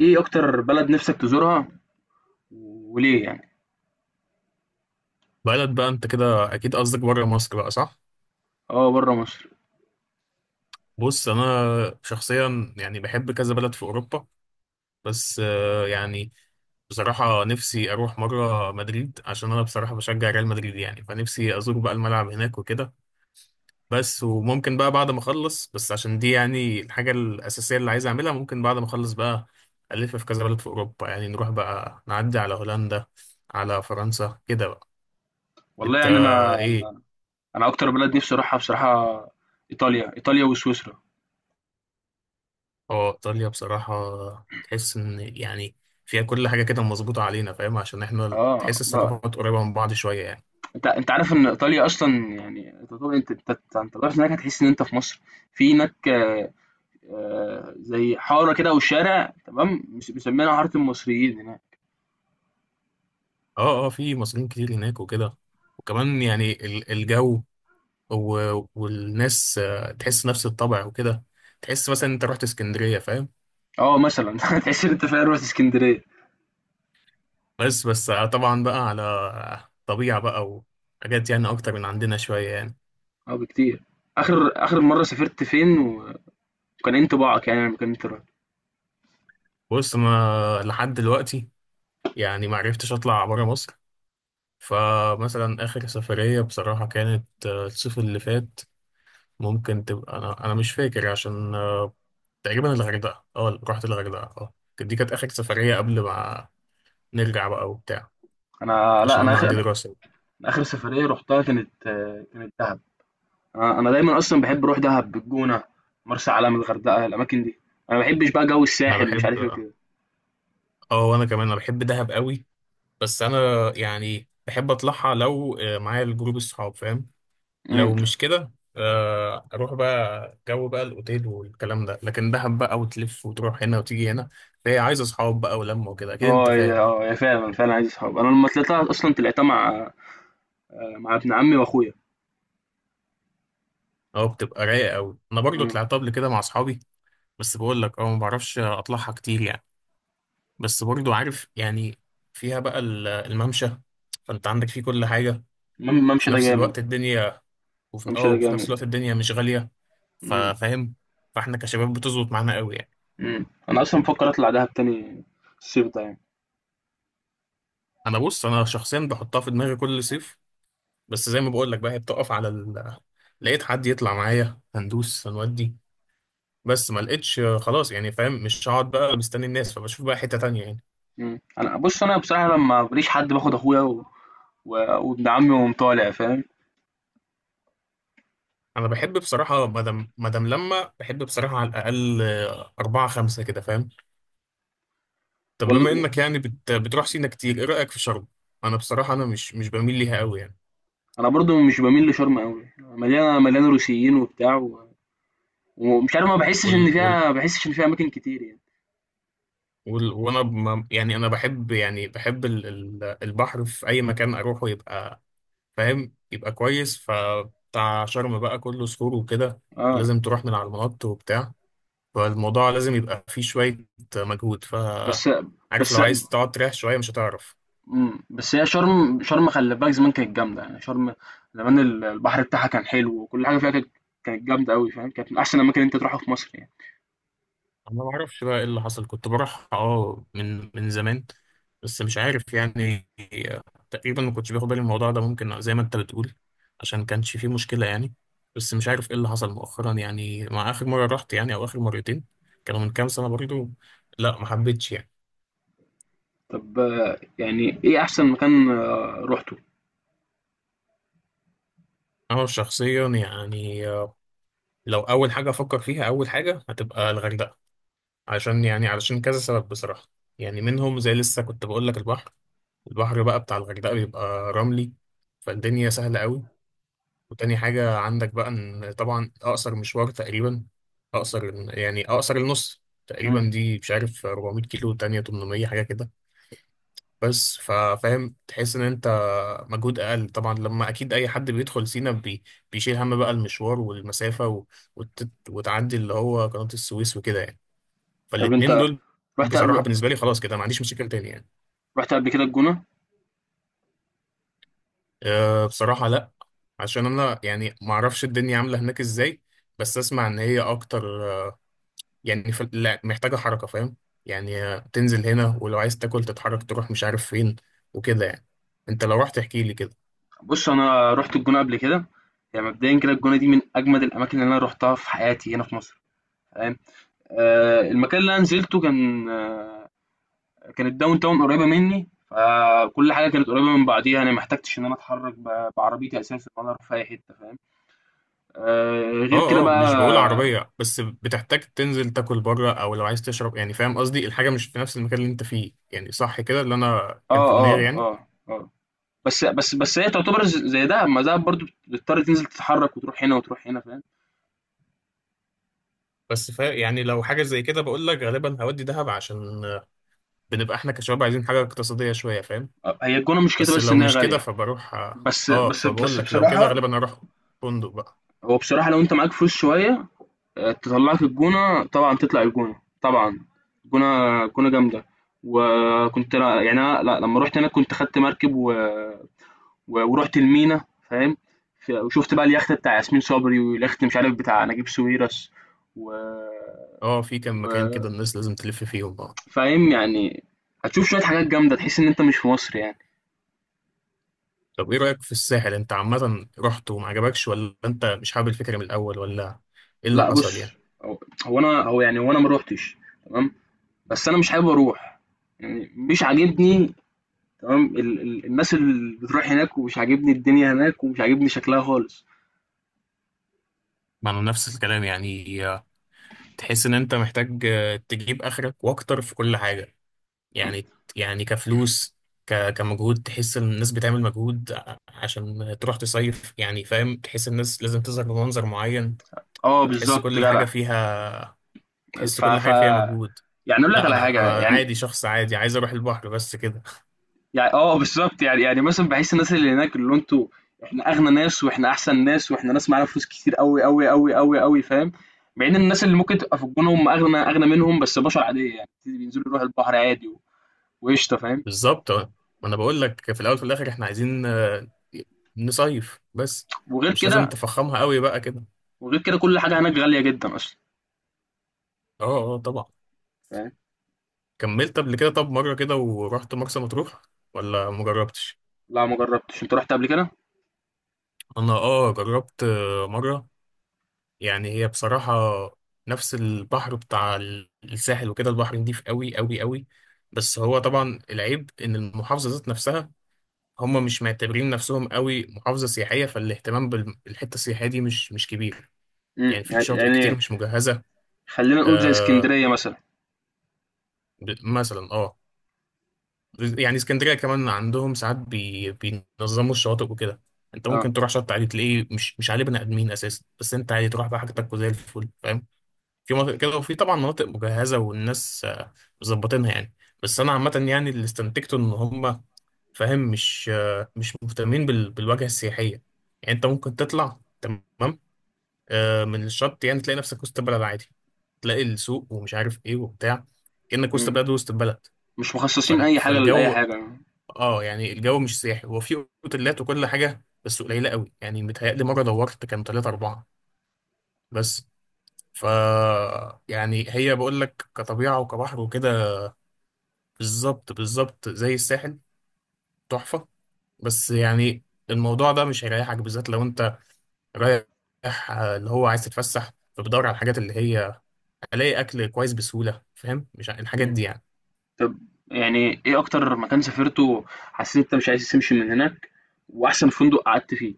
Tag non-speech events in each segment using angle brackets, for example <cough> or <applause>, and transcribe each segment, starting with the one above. ايه اكتر بلد نفسك تزورها وليه يعني؟ بلد بقى انت كده اكيد قصدك بره مصر بقى صح؟ اه بره مصر. بص، شخصيا يعني بحب كذا بلد في اوروبا. بس يعني بصراحة نفسي اروح مرة مدريد، عشان انا بصراحة بشجع ريال مدريد، يعني فنفسي ازور بقى الملعب هناك وكده. بس وممكن بقى بعد ما اخلص، بس عشان دي يعني الحاجة الاساسية اللي عايز اعملها، ممكن بعد ما اخلص بقى الف في كذا بلد في اوروبا، يعني نروح بقى نعدي على هولندا، على فرنسا كده بقى. والله انت يعني انا، ايه؟ انا اكتر بلد نفسي اروحها بصراحه ايطاليا، ايطاليا وسويسرا. اه، ايطاليا بصراحه تحس ان يعني فيها كل حاجه كده مظبوطه علينا، فاهم؟ عشان احنا اه تحس الثقافات قريبه من بعض شويه يعني. انت عارف ان ايطاليا اصلا يعني انت طبعا انت انت انت أنت لو رحت هناك هتحس ان انت في مصر. في هناك زي حاره كده او شارع، تمام، مسمينها حاره المصريين هناك. اه اه، في مصريين كتير هناك وكده، وكمان يعني الجو والناس تحس نفس الطبع وكده. تحس مثلا انت رحت اسكندريه، فاهم؟ اه مثلا <laughs> تحس ان انت في روح اسكندريه. بس طبعا بقى على طبيعه بقى، وحاجات يعني اكتر من عندنا شويه يعني. اه بكتير. اخر مره سافرت فين وكان إيه انطباعك يعني لما كنت رايح؟ بص، ما لحد دلوقتي يعني ما عرفتش اطلع بره مصر، فمثلا آخر سفرية بصراحة كانت الصيف اللي فات. ممكن تبقى أنا مش فاكر عشان تقريبا الغردقة، اه رحت الغردقة اه. دي كانت آخر سفرية قبل ما نرجع بقى وبتاع، انا لا عشان انا أنا اخر عندي أنا دراسة. آخر سفرية رُحتها كانت كانت دهب، أنا دايمًا أصلًا باحب أروح دهب، الجونة، مرسى علم، الغردقة، الأماكن دي، أنا ما باحبش بقى جو أنا الساحل ومش بحب، عارف إيه وكده. اه وأنا كمان أنا بحب دهب قوي. بس أنا يعني بحب أطلعها لو معايا الجروب الصحاب، فاهم؟ إمم، لو مش كده، اروح بقى جو بقى الاوتيل والكلام ده، لكن دهب بقى وتلف وتروح هنا وتيجي هنا، فهي عايزه اصحاب بقى ولمه وكده، اكيد انت آه هي، فاهم بقى. آه هي فعلًا، فعلًا عايزة صحاب. أنا لمّا طلعتها أصلًا طلعتها مع مع ابن عمي وأخويا. اه، بتبقى رايقه قوي، انا برضو إمم، طلعت قبل كده مع اصحابي. بس بقول لك اه، ما بعرفش اطلعها كتير يعني. بس برضو عارف يعني فيها بقى الممشى، فانت عندك فيه كل حاجه، وفي ممشى ده نفس جامد، الوقت الدنيا ممشى ده وفي نفس جامد. الوقت الدنيا مش غاليه. إمم، فاهم؟ فاحنا كشباب بتظبط معانا قوي يعني. إمم، أنا أصلًا بافكر أطلع دهب تاني الصيف ده يعني. انا بص، انا شخصيا بحطها في دماغي كل صيف، بس زي ما بقول لك بقى هي بتقف على ال... لقيت حد يطلع معايا هندوس هنودي، بس ما لقيتش. خلاص يعني، فاهم؟ مش هقعد بقى مستني الناس، فبشوف بقى حتة تانية يعني. إمم، أنا بُص، أنا بصراحة لمّا ما بالاقيش حد باخد أخويا و وابن عمي ونقوم طالع فاهم. انا بحب بصراحة مدام لما بحب بصراحة على الاقل أربعة خمسة كده، فاهم؟ طب وال بما انك يعني بتروح سينا كتير، ايه رأيك في شرم؟ انا بصراحة انا مش بميل ليها قوي يعني. انا برضو مش بميل لشرم قوي، مليانه، مليانه روسيين وبتاع و... ومش عارف، ما بحسش وال... ان وال... فيها، ما بحسش ان فيها اماكن كتير يعني. وال... وانا ما... يعني انا بحب، يعني بحب البحر في اي مكان اروحه يبقى فاهم، يبقى كويس، فبتاع شرم بقى كله صخور وكده، اه. ولازم تروح من على المنط وبتاع، فالموضوع لازم يبقى فيه شوية مجهود. بس عارف بس لو عايز تقعد تريح شوية مش هتعرف. مم. بس هي شرم، شرم خلي بالك زمان كانت جامده يعني. شرم زمان البحر بتاعها كان حلو وكل حاجه فيها كانت، كانت جامده قوي، فاهم، كانت من احسن الاماكن اللي انت تروحها في مصر يعني. أنا ما أعرفش بقى إيه اللي حصل، كنت بروح أه من زمان، بس مش عارف يعني، تقريبا ما كنتش باخد بالي من الموضوع ده، ممكن زي ما أنت بتقول عشان كانش فيه مشكلة يعني. بس مش عارف إيه اللي حصل مؤخرا، يعني مع آخر مرة رحت، يعني أو آخر مرتين، كانوا من كام سنة برضه. لا، ما حبيتش يعني. طب يعني ايه احسن مكان روحته؟ أنا شخصيا يعني لو أول حاجة أفكر فيها، أول حاجة هتبقى الغردقة، عشان يعني علشان كذا سبب بصراحة. يعني منهم زي لسه كنت بقول لك البحر. البحر بقى بتاع الغردقة بيبقى رملي، فالدنيا سهلة قوي. وتاني حاجة عندك بقى إن طبعا أقصر مشوار تقريبا، أقصر، يعني أقصر النص مم. تقريبا، دي مش عارف 400 كيلو تانية 800 حاجة كده. بس فاهم، تحس ان انت مجهود اقل طبعا، لما اكيد اي حد بيدخل سينا بيشيل هم بقى المشوار والمسافه وتعدي اللي هو قناه السويس وكده يعني. طب فالاتنين انت دول رحت، بصراحه بالنسبه لي خلاص كده ما عنديش مشاكل تاني يعني. رحت قبل كده الجونه؟ أه بصراحه لا، عشان انا يعني ما اعرفش الدنيا عامله هناك ازاي، بس اسمع ان هي اكتر يعني لا، محتاجه حركه، فاهم؟ يعني تنزل هنا ولو عايز تاكل تتحرك تروح مش عارف فين وكده يعني. انت لو رحت احكي لي كده. بص انا رحت الجونه قبل كده. يعني مبدئيا كده الجونه دي من اجمد الاماكن اللي انا روحتها في حياتي هنا في مصر، تمام. المكان اللي انا نزلته كان كان الداون تاون قريبه مني، فكل حاجه كانت قريبه من بعضيها. انا ما احتجتش ان انا اتحرك بعربيتي اساسا ولا اروح في اي حته، فاهم. آه، غير كده اه اه، مش بقول بقى عربية، بس بتحتاج تنزل تاكل بره او لو عايز تشرب يعني، فاهم قصدي؟ الحاجة مش في نفس المكان اللي انت فيه يعني، صح كده اللي انا كان في اه دماغي اه يعني. اه اه بس بس بس هي تعتبر زي دهب، ما دهب برضو بتضطر تنزل تتحرك وتروح هنا وتروح هنا، فاهم. بس فا يعني لو حاجة زي كده، بقول لك غالبا هودي دهب، عشان بنبقى احنا كشباب عايزين حاجة اقتصادية شوية، فاهم؟ هي الجونه مشكلتها بس بس لو انها مش كده غاليه. فبروح. بس اه بس فبقول بس لك لو كده بصراحه، غالبا اروح فندق بقى. هو بصراحه لو انت معاك فلوس شويه، تطلعك الجونة. طبعا تطلع الجونة، طبعا. الجونة جامدة. وكنت يعني أنا لا لما رحت هناك كنت خدت مركب و... و... ورحت المينا، فاهم. وشفت بقى اليخت بتاع ياسمين صبري واليخت مش عارف بتاع نجيب ساويرس و... اه، في كام مكان و... كده الناس لازم تلف فيهم اه. فاهم يعني. هتشوف شوية حاجات جامدة تحس إن أنت مش في مصر يعني. طب ايه رأيك في الساحل؟ انت عامة رحت وما عجبكش، ولا انت مش حابب الفكرة من الاول، ولا ايه اللي لا حصل بص، يعني؟ هو هو أنا هو يعني هو أنا ما روحتش، تمام. بس أنا مش حابب أروح، يعني مش عاجبني، تمام. ال الناس اللي بتروح هناك، ومش عاجبني الدنيا هناك، ومش عاجبني شكلها خالص. ما انا نفس الكلام يعني. تحس ان انت محتاج تجيب اخرك واكتر في كل حاجه يعني. يعني كفلوس، كمجهود، تحس ان الناس بتعمل مجهود عشان تروح تصيف يعني، فاهم؟ تحس الناس لازم تظهر بمنظر معين، اه فتحس بالظبط كل حاجه جدع. فيها تحس ف كل ف حاجه فيها مجهود. يعني اقول لك لا، على انا حاجه يعني. عادي، شخص عادي عايز اروح البحر بس كده. يعني اه، بالظبط يعني، يعني مثلا بحس الناس اللي هناك، اللي انتوا، احنا اغنى ناس، واحنا احسن ناس، واحنا ناس معانا فلوس كتير قوي قوي قوي قوي قوي، فاهم. مع ان الناس اللي ممكن تبقى في الجونه هم اغنى، اغنى منهم، بس بشر عاديه يعني، بينزلوا يروحوا البحر عادي وقشطه، فاهم. <laughs> بالظبط آه. ما انا بقول لك في الاول وفي الاخر احنا عايزين نصيف بس، وغير مش لازم كده، تفخمها قوي بقى كده. وغير كده كل حاجه هناك غاليه جدا اصلا، اه اه طبعا. فاهم. كملت قبل كده طب مرة كده ورحت مرسى مطروح ولا مجربتش؟ لا ما جربتش، انت رحت قبل كده؟ انا اه جربت مرة. يعني هي بصراحة نفس البحر بتاع الساحل وكده، البحر نضيف قوي قوي قوي، بس هو طبعا العيب ان المحافظة ذات نفسها، هم مش معتبرين نفسهم قوي محافظة سياحية، فالاهتمام بالحتة السياحية دي مش كبير، امم، يعني في يعني شواطئ كتير يعني مش مجهزة. خلّينا نقول زي آه، إسكندرية مثلًا. مثلا اه، يعني اسكندريه كمان عندهم ساعات بينظموا الشواطئ وكده، انت آه. ممكن تروح شط عادي تلاقيه مش عليه بني ادمين اساسا، بس انت عادي تروح بقى حاجتك وزي الفل، فاهم؟ في مناطق كده، وفي طبعا مناطق مجهزه والناس مظبطينها يعني. بس انا عامه يعني اللي استنتجته ان هم، فاهم، مش مهتمين بالواجهه السياحيه، يعني انت ممكن تطلع تمام من الشط يعني تلاقي نفسك وسط البلد عادي، تلاقي السوق ومش عارف ايه وبتاع، كأنك وسط إمم، بلد، وسط البلد. مش مخصّصين أي حاجة لأي فالجو، حاجة. اه يعني الجو مش سياحي، هو في اوتيلات وكل حاجه بس قليله قوي يعني، متهيألي مره دورت كان ثلاثة أربعة بس. ف يعني هي بقول لك كطبيعه وكبحر وكده بالظبط بالظبط زي الساحل، تحفه. بس يعني الموضوع ده مش هيريحك، بالذات لو انت رايح اللي هو عايز تتفسح، فبدور على الحاجات اللي هي الاقي اكل كويس بسهوله، فاهم؟ مش ع- الحاجات إمم. دي يعني. طب يعني إيه أكتر مكان سافرته حسّيت أنت مش عايز تمشي من هناك، وأحسن فندق قعدت فيه؟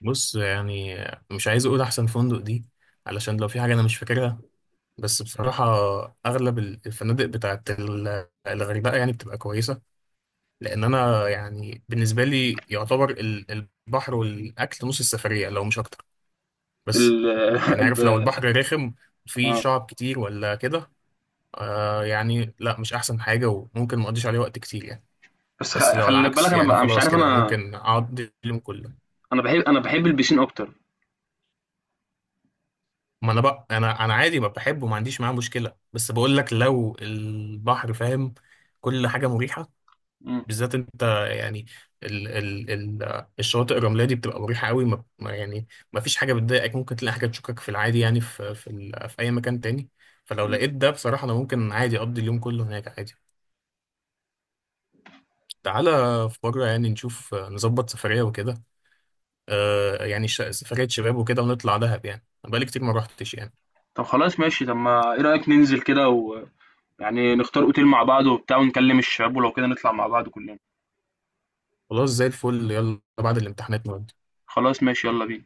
بص يعني مش عايز اقول احسن فندق دي، علشان لو في حاجه انا مش فاكرها. بس بصراحة أغلب الفنادق بتاعت الغردقة يعني بتبقى كويسة، لأن أنا يعني بالنسبة لي يعتبر البحر والأكل نص السفرية لو مش أكتر. بس ال <laughs> يعني الب عارف لو البحر رخم، فيه آه. شعب كتير ولا كده، آه يعني لا مش أحسن حاجة، وممكن مقضيش عليه وقت كتير يعني. بس بس لو خلّي بالك العكس أنا يعني، بقى مش خلاص عارف. كده أنا ممكن أقضي اليوم كله. أنا باحب البيسين أكتر. ما أنا بقى أنا عادي، ما بحبه، ما عنديش معاه مشكلة، بس بقول لك لو البحر، فاهم، كل حاجة مريحة، إمم، بالذات انت يعني ال ال ال الشواطئ الرمليه دي بتبقى مريحه قوي. يعني ما فيش حاجه بتضايقك، ممكن تلاقي حاجه تشوكك في العادي يعني في اي مكان تاني، فلو إمم. لقيت ده بصراحه انا ممكن عادي اقضي اليوم كله هناك عادي. تعالى في مره يعني نشوف نظبط سفريه وكده، آه يعني سفريه شباب وكده ونطلع دهب، يعني أنا بقالي كتير ما روحتش يعني. طب خلاص ماشي، طب ما إيه رأيك ننزل كده ويعني نختار أوتيل مع بعض وبتاع ونكلم الشباب ولو كده نطلع مع بعض كلّنا؟ خلاص زي الفل، يلا بعد الامتحانات نودي. خلاص ماشي، يالّا بينا.